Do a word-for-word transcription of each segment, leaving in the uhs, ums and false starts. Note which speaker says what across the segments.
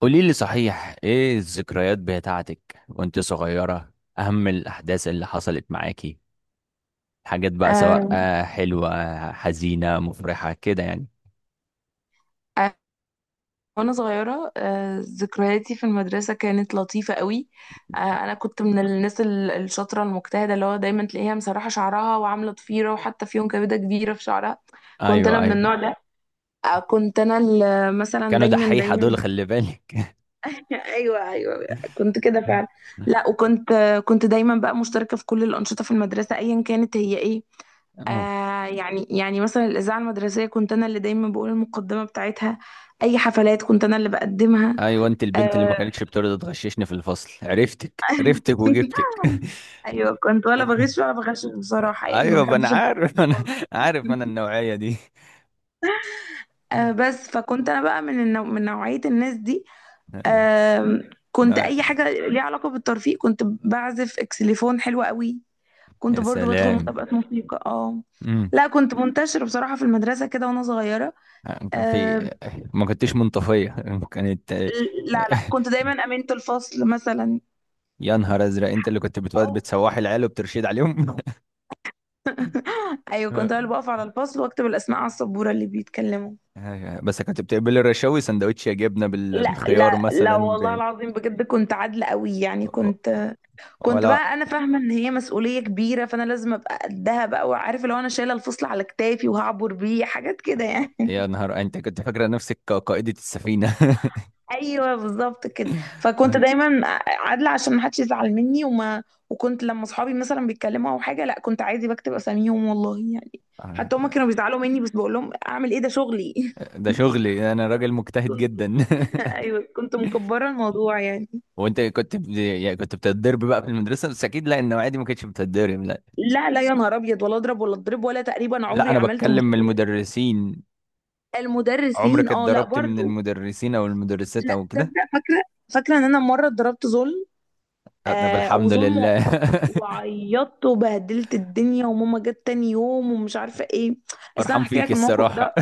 Speaker 1: قولي لي، صحيح، ايه الذكريات بتاعتك وانت صغيرة؟ اهم الاحداث اللي حصلت معاكي، حاجات بقى سواء
Speaker 2: آه،
Speaker 1: آه، حلوة، حزينة، مفرحة، كده يعني.
Speaker 2: آه، وانا صغيره، آه، ذكرياتي في المدرسه كانت لطيفه قوي. آه، انا كنت من الناس ال- الشاطره المجتهده، اللي هو دايما تلاقيها مسرحه شعرها وعامله ضفيره، وحتى في يوم كبده كبيره في شعرها. كنت انا
Speaker 1: ايوه،
Speaker 2: من
Speaker 1: ايوه،
Speaker 2: النوع ده. آه، كنت انا ال- مثلا
Speaker 1: كانوا
Speaker 2: دايما
Speaker 1: دحيحة
Speaker 2: دايما.
Speaker 1: دول، خلي بالك.
Speaker 2: ايوه، ايوه. كنت كده فعلا. لا، وكنت كنت دايما بقى مشتركه في كل الانشطه في المدرسه ايا كانت هي ايه.
Speaker 1: أه.
Speaker 2: آه يعني يعني مثلا الاذاعه المدرسيه كنت انا اللي دايما بقول المقدمه بتاعتها، اي حفلات كنت انا اللي بقدمها.
Speaker 1: ايوه، انت البنت اللي ما
Speaker 2: آه.
Speaker 1: كانتش بترضى تغششني في الفصل، عرفتك عرفتك وجبتك.
Speaker 2: ايوه، كنت ولا بغش ولا بغشش بصراحه، يعني ما
Speaker 1: ايوه، ما انا
Speaker 2: بحبش الفكرة
Speaker 1: عارف انا
Speaker 2: خالص.
Speaker 1: عارف انا النوعية دي.
Speaker 2: آه بس فكنت انا بقى من النوع، من نوعيه الناس دي.
Speaker 1: ايوه،
Speaker 2: آه كنت اي حاجه ليها علاقه بالترفيه. كنت بعزف اكسليفون حلو قوي، كنت
Speaker 1: يا
Speaker 2: برضو بدخل
Speaker 1: سلام.
Speaker 2: مسابقات موسيقى. اه لا، كنت منتشرة بصراحة في المدرسة كده وأنا صغيرة.
Speaker 1: يعني كان
Speaker 2: آه.
Speaker 1: في، ما كنتش منطفية. كانت.
Speaker 2: لا، لا، كنت دايما أمينة الفصل مثلا.
Speaker 1: يا نهار ازرق! انت اللي كنت بتقعد
Speaker 2: أو.
Speaker 1: بتسوحي العيال وبترشد عليهم.
Speaker 2: أيوة، كنت أنا اللي بقف على الفصل وأكتب الأسماء على السبورة اللي بيتكلموا.
Speaker 1: أيوة، بس كنت بتقبلي الرشاوي سندوتش يا جبنة بال-
Speaker 2: لا،
Speaker 1: بالخيار
Speaker 2: لا، لا،
Speaker 1: مثلا
Speaker 2: والله
Speaker 1: ب...
Speaker 2: العظيم بجد كنت عادلة قوي، يعني كنت. كنت
Speaker 1: ولا!
Speaker 2: بقى أنا فاهمة إن هي مسؤولية كبيرة، فأنا لازم أبقى قدها بقى، وعارفة لو أنا شايلة الفصل على كتافي وهعبر بيه حاجات كده يعني.
Speaker 1: يا نهار، انت كنت فاكرة نفسك ق- قائدة السفينة.
Speaker 2: ايوه، بالظبط كده. فكنت دايما عادله عشان ما حدش يزعل مني وما. وكنت لما صحابي مثلا بيتكلموا او حاجه، لا كنت عادي بكتب اساميهم والله يعني.
Speaker 1: آه،
Speaker 2: حتى هما كانوا بيزعلوا مني، بس بقول لهم اعمل ايه، ده شغلي.
Speaker 1: ده شغلي، انا راجل مجتهد جدا.
Speaker 2: كنت، ايوه كنت مكبره الموضوع يعني.
Speaker 1: وانت كنت ب... يعني كنت بتتضرب بقى في المدرسة، بس اكيد لا، انه عادي ما كنتش بتتضرب، لا.
Speaker 2: لا، لا، يا نهار ابيض، ولا اضرب ولا اضرب ولا، تقريبا
Speaker 1: لا،
Speaker 2: عمري
Speaker 1: انا
Speaker 2: عملت
Speaker 1: بتكلم من
Speaker 2: مشكله.
Speaker 1: المدرسين.
Speaker 2: المدرسين،
Speaker 1: عمرك
Speaker 2: اه لا،
Speaker 1: اتضربت من
Speaker 2: برضو
Speaker 1: المدرسين او المدرسات
Speaker 2: لا
Speaker 1: او كده؟
Speaker 2: تصدق. فاكره، فاكره ان انا مره اتضربت ظلم.
Speaker 1: آه، طب
Speaker 2: آه
Speaker 1: الحمد
Speaker 2: وظلم
Speaker 1: لله.
Speaker 2: وع- وعيطت وبهدلت الدنيا، وماما جت تاني يوم، ومش عارفه ايه. بس انا
Speaker 1: فرحان
Speaker 2: هحكي
Speaker 1: فيك
Speaker 2: لك الموقف
Speaker 1: الصراحة.
Speaker 2: ده.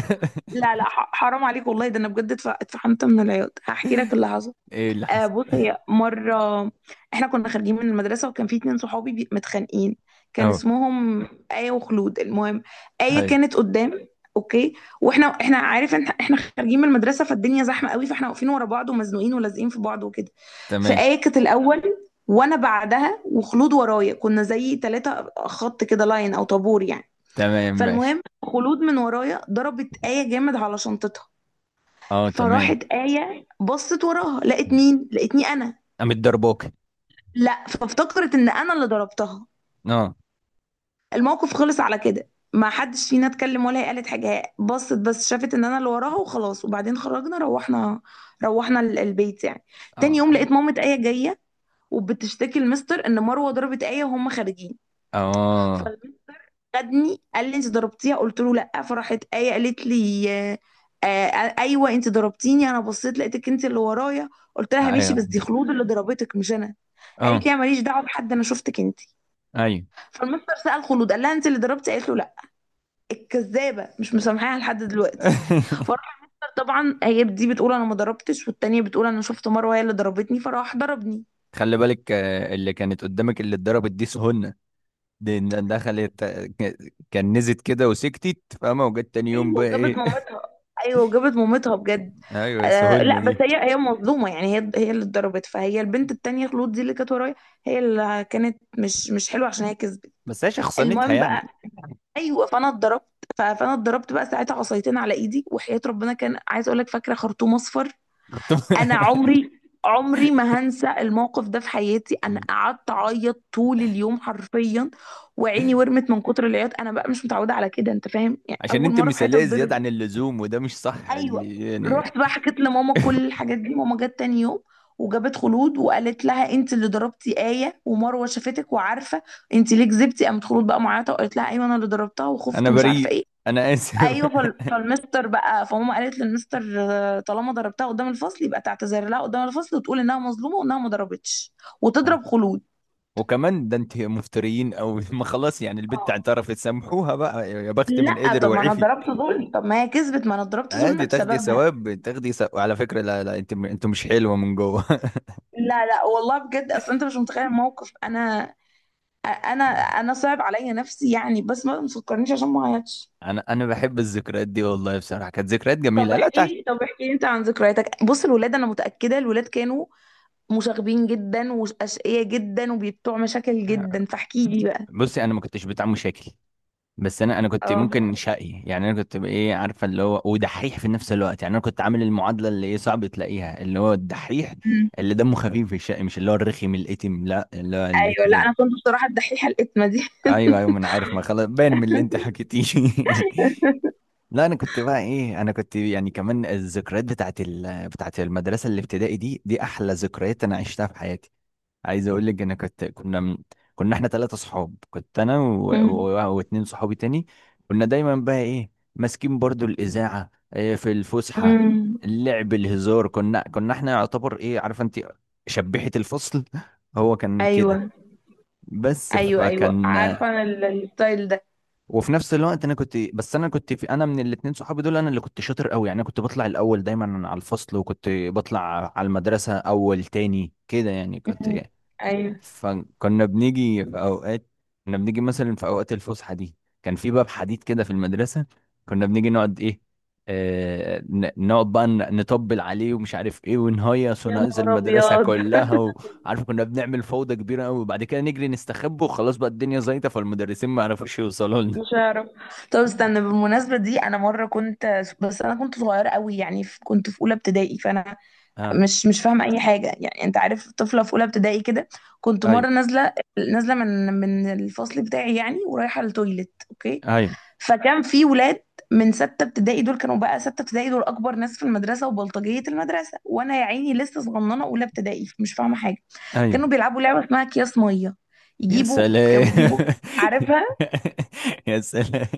Speaker 2: لا، لا، ح- حرام عليك والله، ده انا بجد اتف- اتفحمت من العياط. هحكي لك اللي حصل.
Speaker 1: ايه اللي
Speaker 2: آه
Speaker 1: حصل؟
Speaker 2: بصي، مرة احنا كنا خارجين من المدرسة، وكان في اتنين صحابي بي- متخانقين. كان
Speaker 1: اه،
Speaker 2: اسمهم آية وخلود. المهم، آية
Speaker 1: هاي.
Speaker 2: كانت قدام. اوكي. واحنا، احنا عارف ان احنا خارجين من المدرسة، فالدنيا زحمة قوي، فاحنا واقفين ورا بعض ومزنوقين ولازقين في بعض وكده.
Speaker 1: تمام،
Speaker 2: فآية كانت الأول، وانا بعدها، وخلود ورايا. كنا زي ثلاثة خط كده، لاين او طابور يعني.
Speaker 1: تمام، ماشي.
Speaker 2: فالمهم، خلود من ورايا ضربت آية جامد على شنطتها.
Speaker 1: اه، تمام.
Speaker 2: فراحت آية بصت وراها، لقت مين؟ لقتني انا.
Speaker 1: قامت ضربوك؟
Speaker 2: لا، فافتكرت ان انا اللي ضربتها.
Speaker 1: اه.
Speaker 2: الموقف خلص على كده، ما حدش فينا اتكلم، ولا هي قالت حاجه، هي بصت بس، شافت ان انا اللي وراها وخلاص، وبعدين خرجنا، روحنا، روحنا ال- البيت يعني. تاني يوم
Speaker 1: اه،
Speaker 2: لقيت مامة آية جايه، وبتشتكي المستر ان مروه ضربت آية وهم خارجين.
Speaker 1: اه،
Speaker 2: فخدني، قال لي انت ضربتيها؟ قلت له لا. فرحت آية قالت لي، آه، آه، ايوه انت ضربتيني، انا بصيت لقيتك انت اللي ورايا. قلت لها ماشي،
Speaker 1: ايوه،
Speaker 2: بس دي خلود اللي ضربتك مش انا. قالت
Speaker 1: اه،
Speaker 2: لي انا ماليش دعوه بحد، انا شفتك انت.
Speaker 1: ايوه.
Speaker 2: فالمستر سأل خلود، قال لها انت اللي ضربتي؟ قالت له لا. الكذابه مش مسامحاها لحد دلوقتي. فراح طبعا هي دي بتقول انا ما ضربتش، والتانيه بتقول انا شفت مروه هي اللي ضربتني، فراح ضربني.
Speaker 1: خلي بالك، آه، اللي كانت قدامك، اللي اتضربت دي سهنة. دي ن- دخلت، آه، ك- كنزت كده وسكتت، فاهمة؟ وجت تاني يوم
Speaker 2: ايوه
Speaker 1: بقى
Speaker 2: وجابت
Speaker 1: ايه؟
Speaker 2: مامتها. ايوه وجابت مامتها بجد.
Speaker 1: ايوه،
Speaker 2: آه
Speaker 1: سهنة
Speaker 2: لا بس
Speaker 1: دي.
Speaker 2: هي، هي مظلومه يعني، هي هي اللي اتضربت. فهي البنت التانيه خلود دي اللي كانت ورايا، هي اللي كانت مش مش حلوه، عشان هي كذبت.
Speaker 1: بس هي شخصنتها
Speaker 2: المهم بقى،
Speaker 1: يعني.
Speaker 2: ايوه فانا اتضربت. ف- فانا اتضربت بقى ساعتها عصايتين على ايدي، وحياه ربنا كان عايز اقول لك، فاكره خرطوم اصفر.
Speaker 1: كنت.
Speaker 2: انا عمري، عمري ما هنسى الموقف ده في حياتي. انا قعدت اعيط طول اليوم حرفيا، وعيني ورمت من كتر العياط. انا بقى مش متعوده على كده انت فاهم، يعني
Speaker 1: عشان
Speaker 2: اول
Speaker 1: انت
Speaker 2: مره في حياتي
Speaker 1: مثالية زيادة
Speaker 2: اتضرب.
Speaker 1: عن اللزوم، وده مش صح
Speaker 2: ايوه.
Speaker 1: اللي يعني.
Speaker 2: رحت بقى حكيت لماما كل الحاجات دي، ماما جت تاني يوم وجابت خلود، وقالت لها انت اللي ضربتي آية، ومروه شافتك وعارفه، انت ليه كذبتي؟ قامت خلود بقى معيطه، وقالت لها ايوه انا اللي ضربتها، وخفت
Speaker 1: انا
Speaker 2: ومش عارفه
Speaker 1: بريء،
Speaker 2: ايه.
Speaker 1: انا اسف.
Speaker 2: ايوه، فال- فالمستر بقى، فماما قالت للمستر، آه، طالما ضربتها قدام الفصل يبقى تعتذر لها قدام الفصل، وتقول انها مظلومه وانها ما ضربتش، وتضرب خلود.
Speaker 1: وكمان ده انت مفتريين او، ما خلاص يعني، البت اعترفت، سامحوها بقى، يا بخت من
Speaker 2: لا،
Speaker 1: قدر
Speaker 2: طب ما انا
Speaker 1: وعفي.
Speaker 2: ضربت ظلم، طب ما هي كذبت، ما انا ضربت ظلم
Speaker 1: عادي، تاخدي
Speaker 2: بسببها.
Speaker 1: ثواب، تاخدي ثواب على فكرة. لا، لا، انت انت مش حلوة من جوه.
Speaker 2: لا، لا، والله بجد اصل انت مش متخيل الموقف. انا انا انا صعب عليا نفسي يعني، بس ما تفكرنيش عشان ما اعيطش.
Speaker 1: انا انا بحب الذكريات دي والله. بصراحة كانت ذكريات
Speaker 2: طب
Speaker 1: جميلة. لا
Speaker 2: احكي
Speaker 1: تع...
Speaker 2: لي، طب احكي لي انت عن ذكرياتك. بص الولاد، انا متاكده الولاد كانوا مشاغبين جدا واشقياء جدا وبيبتوع مشاكل جدا، فاحكي لي بقى.
Speaker 1: بصي، انا ما كنتش بتاع مشاكل. بس انا انا كنت ممكن
Speaker 2: اه.
Speaker 1: شقي يعني، انا كنت ايه، عارفه، اللي هو ودحيح في نفس الوقت يعني، انا كنت عامل المعادله اللي ايه صعب تلاقيها، اللي هو الدحيح،
Speaker 2: امم.
Speaker 1: اللي دمه خفيف في الشقي، مش اللي هو الرخم الاتم، لا، اللي هو
Speaker 2: ايوه، لا
Speaker 1: الاتنين.
Speaker 2: انا كنت بصراحه الدحيحه الاتمه دي.
Speaker 1: ايوه، ايوه، ما انا عارف، ما خلاص، باين من اللي انت حكيتيه. لا، انا كنت بقى ايه، انا كنت يعني كمان الذكريات بتاعت ال... بتاعت المدرسه الابتدائي دي، دي احلى ذكريات انا عشتها في حياتي. عايز اقول لك، انا كنت كنا من... كنا احنا ثلاثه صحاب، كنت انا و...
Speaker 2: امم.
Speaker 1: و... واتنين صحابي تاني. كنا دايما بقى ايه، ماسكين برضو الاذاعه، إيه، في الفسحه،
Speaker 2: امم.
Speaker 1: اللعب، الهزار. كنا كنا احنا يعتبر، ايه عارفه انت، شبيحه الفصل. هو كان
Speaker 2: ايوه،
Speaker 1: كده. بس
Speaker 2: ايوه. ايوه
Speaker 1: فكان
Speaker 2: عارفه انا ال- الستايل ده.
Speaker 1: وفي نفس الوقت انا كنت بس انا كنت في انا من الاتنين صحابي دول، انا اللي كنت شاطر قوي يعني. انا كنت بطلع الاول دايما على الفصل، وكنت بطلع على المدرسه اول تاني كده يعني، كنت.
Speaker 2: امم. ايوه،
Speaker 1: فكنا بنيجي في اوقات كنا بنيجي مثلا في اوقات الفسحه دي، كان في باب حديد كده في المدرسه، كنا بنيجي نقعد ايه، آه ن- نقعد بقى، ن- نطبل عليه ومش عارف ايه، ونهيص
Speaker 2: يا
Speaker 1: ونهيص
Speaker 2: نهار
Speaker 1: المدرسه
Speaker 2: ابيض.
Speaker 1: كلها، وعارف كنا بنعمل فوضى كبيره قوي، وبعد كده نجري نستخبى وخلاص، بقى الدنيا زيطه، فالمدرسين ما عرفوش يوصلوا لنا.
Speaker 2: مش هعرف. طب استنى، بالمناسبه دي انا مره كنت، بس انا كنت صغيره قوي يعني، في- كنت في اولى ابتدائي، فانا
Speaker 1: اه،
Speaker 2: مش مش فاهمه اي حاجه يعني. انت عارف طفله في اولى ابتدائي كده. كنت
Speaker 1: ايوه،
Speaker 2: مره نازله، نازله من من الفصل بتاعي يعني، ورايحه التويليت. اوكي.
Speaker 1: ايوه،
Speaker 2: فكان في ولاد من ستة ابتدائي، دول كانوا بقى ستة ابتدائي، دول أكبر ناس في المدرسة وبلطجية المدرسة، وأنا يا عيني لسه صغننة أولى ابتدائي مش فاهمة حاجة.
Speaker 1: ايوه.
Speaker 2: كانوا بيلعبوا لعبة اسمها أكياس مية.
Speaker 1: يا
Speaker 2: يجيبوا، كانوا
Speaker 1: سلام.
Speaker 2: بيجيبوا، عارفها؟
Speaker 1: يا سلام.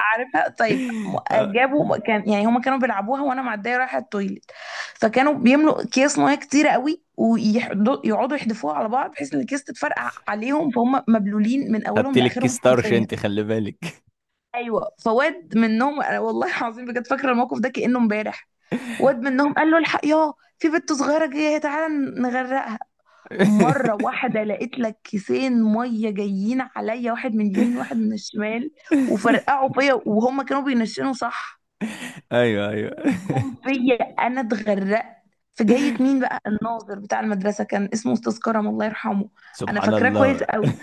Speaker 2: عارفها طيب. م-
Speaker 1: آه.
Speaker 2: جابوا، كان يعني هما كانوا بيلعبوها، وأنا معدية رايحة التويليت. فكانوا بيملوا أكياس مية كتيرة قوي، ويقعدوا يحدفوها على بعض، بحيث إن الأكياس تتفرقع عليهم، فهم مبلولين من
Speaker 1: خدت
Speaker 2: أولهم
Speaker 1: لك
Speaker 2: لآخرهم
Speaker 1: كيس طرش
Speaker 2: حرفيا.
Speaker 1: انت، خلي بالك.
Speaker 2: ايوه، فواد منهم، أنا والله العظيم بجد فاكره الموقف ده كانه امبارح. واد منهم قال له الحق يا، في بنت صغيره جايه، تعالى نغرقها. مره واحده لقيت لك كيسين ميه جايين عليا، واحد من اليمين واحد من الشمال، وفرقعوا فيا، وهم كانوا بينشنوا صح.
Speaker 1: ايوه، ايوه.
Speaker 2: جم فيا، انا اتغرقت. في، جاية مين بقى؟ الناظر بتاع المدرسه، كان اسمه استاذ كرم الله يرحمه. انا
Speaker 1: سبحان
Speaker 2: فاكراه كويس
Speaker 1: الله.
Speaker 2: قوي.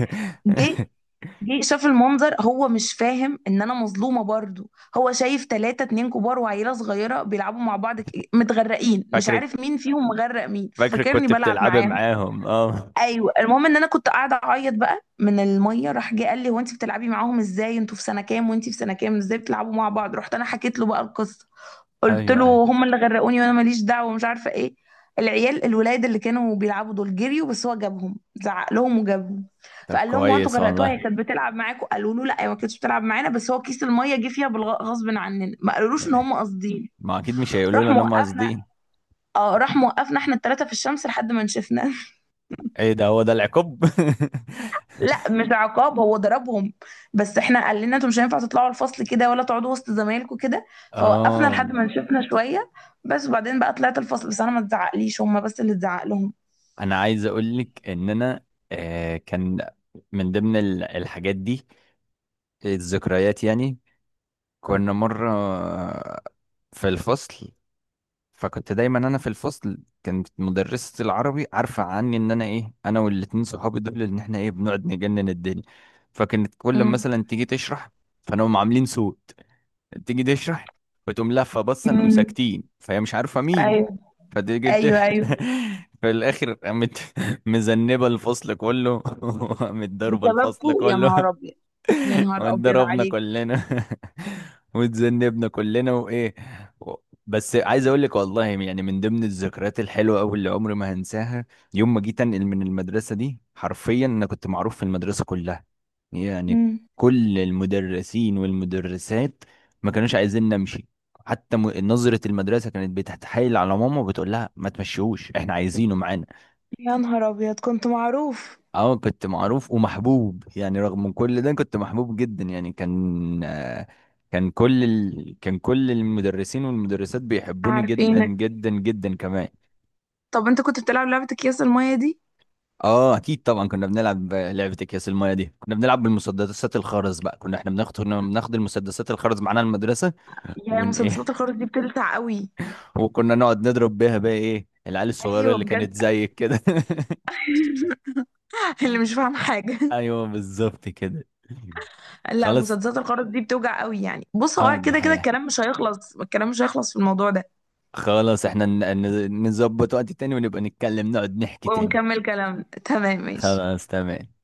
Speaker 2: جه، جه شاف المنظر، هو مش فاهم ان انا مظلومه برضو، هو شايف ثلاثة، اتنين كبار وعيله صغيره بيلعبوا مع بعض، ك- متغرقين، مش
Speaker 1: فاكرك،
Speaker 2: عارف مين فيهم مغرق مين،
Speaker 1: فاكرك
Speaker 2: ففاكرني
Speaker 1: كنت
Speaker 2: بلعب
Speaker 1: بتلعبي
Speaker 2: معاهم.
Speaker 1: معاهم، اه.
Speaker 2: ايوه. المهم ان انا كنت قاعده اعيط بقى من الميه، راح جه قال لي هو، انت بتلعبي معاهم ازاي؟ انتوا في سنه كام وانت في سنه كام، ازاي بتلعبوا مع بعض؟ رحت انا حكيت له بقى القصه، قلت
Speaker 1: ايوه،
Speaker 2: له
Speaker 1: ايوه.
Speaker 2: هم اللي غرقوني، وانا ماليش دعوه ومش عارفه ايه. العيال الولاد اللي كانوا بيلعبوا دول جريوا، بس هو جابهم، زعق لهم وجابهم.
Speaker 1: طب
Speaker 2: فقال لهم هو، انتوا
Speaker 1: كويس
Speaker 2: غرقتوها؟ هي
Speaker 1: والله.
Speaker 2: كانت بتلعب معاكم؟ قالوا له لا، هي ما كانتش بتلعب معانا، بس هو كيس الميه جه فيها بالغ- غصب عننا، ما قالولوش ان هم قاصدين.
Speaker 1: ما اكيد مش هيقولوا
Speaker 2: راح
Speaker 1: لنا ان هم
Speaker 2: موقفنا،
Speaker 1: قاصدين.
Speaker 2: اه راح موقفنا احنا الثلاثه في الشمس لحد ما نشفنا.
Speaker 1: ايه ده؟ هو ده العقاب؟
Speaker 2: لا مش عقاب، هو ضربهم، بس احنا قال لنا انتوا مش هينفع تطلعوا الفصل كده ولا تقعدوا وسط زمايلكم كده. فوقفنا
Speaker 1: اه،
Speaker 2: لحد ما نشفنا شويه بس، وبعدين بقى طلعت الفصل. بس انا ما اتزعقليش، هم بس اللي اتزعق لهم.
Speaker 1: انا عايز اقول لك ان انا، آه كان من ضمن ال- الحاجات دي، الذكريات يعني. كنا مره في الفصل، فكنت دايما انا في الفصل. كانت مدرسة العربي عارفة عني ان انا ايه، انا والاتنين صحابي دول، ان احنا ايه، بنقعد نجنن الدنيا. فكانت كل ما
Speaker 2: امم.
Speaker 1: مثلا تيجي تشرح، فنقوم عاملين صوت، تيجي تشرح وتقوم لافة بصة، نقوم
Speaker 2: امم.
Speaker 1: ساكتين، فهي مش عارفة مين.
Speaker 2: ايوه،
Speaker 1: فتيجي ت-
Speaker 2: ايوه. ايوه،
Speaker 1: في الاخر قامت مذنبة الفصل كله، وقامت ضاربة الفصل
Speaker 2: بسببكو يا
Speaker 1: كله.
Speaker 2: نهار ابيض. يا نهار ابيض
Speaker 1: واتضربنا
Speaker 2: عليك.
Speaker 1: كلنا، واتذنبنا كلنا وايه و- بس عايز اقول لك والله يعني، من ضمن الذكريات الحلوه قوي اللي عمري ما هنساها، يوم ما جيت انقل من المدرسه دي، حرفيا انا كنت معروف في المدرسه كلها يعني.
Speaker 2: امم.
Speaker 1: كل المدرسين والمدرسات ما كانوش عايزين نمشي، حتى م- نظرة المدرسة كانت بتتحايل على ماما وبتقول لها ما تمشيهوش، احنا عايزينه معانا.
Speaker 2: يا نهار ابيض، كنت معروف.
Speaker 1: اه، كنت معروف ومحبوب يعني، رغم من كل ده كنت محبوب جدا يعني. كان آه، كان كل ال... كان كل المدرسين والمدرسات بيحبوني جدا
Speaker 2: عارفينك.
Speaker 1: جدا جدا كمان.
Speaker 2: طب انت كنت بتلعب لعبه اكياس الميه دي؟
Speaker 1: اه، اكيد طبعا كنا بنلعب لعبة اكياس المايه دي، كنا بنلعب بالمسدسات الخرز بقى، كنا احنا بناخد كنا بناخد المسدسات الخرز معانا المدرسة،
Speaker 2: يا،
Speaker 1: ون ايه.
Speaker 2: مسدسات الخرز دي بتلسع قوي.
Speaker 1: وكنا نقعد نضرب بيها بقى ايه العيال الصغيرة
Speaker 2: ايوه
Speaker 1: اللي كانت
Speaker 2: بجد.
Speaker 1: زيك كده.
Speaker 2: اللي مش فاهم حاجه.
Speaker 1: ايوه بالظبط كده.
Speaker 2: لا،
Speaker 1: خلاص.
Speaker 2: مسدسات الخرز دي بتوجع قوي يعني. بص،
Speaker 1: اه،
Speaker 2: هو
Speaker 1: دي
Speaker 2: كده كده
Speaker 1: حقيقة.
Speaker 2: الكلام مش هيخلص، الكلام مش هيخلص في الموضوع ده.
Speaker 1: خلاص، احنا ن- ن- نظبط وقت تاني ونبقى نتكلم، نقعد نحكي تاني.
Speaker 2: ونكمل كلامنا، تمام ماشي.
Speaker 1: خلاص، تمام.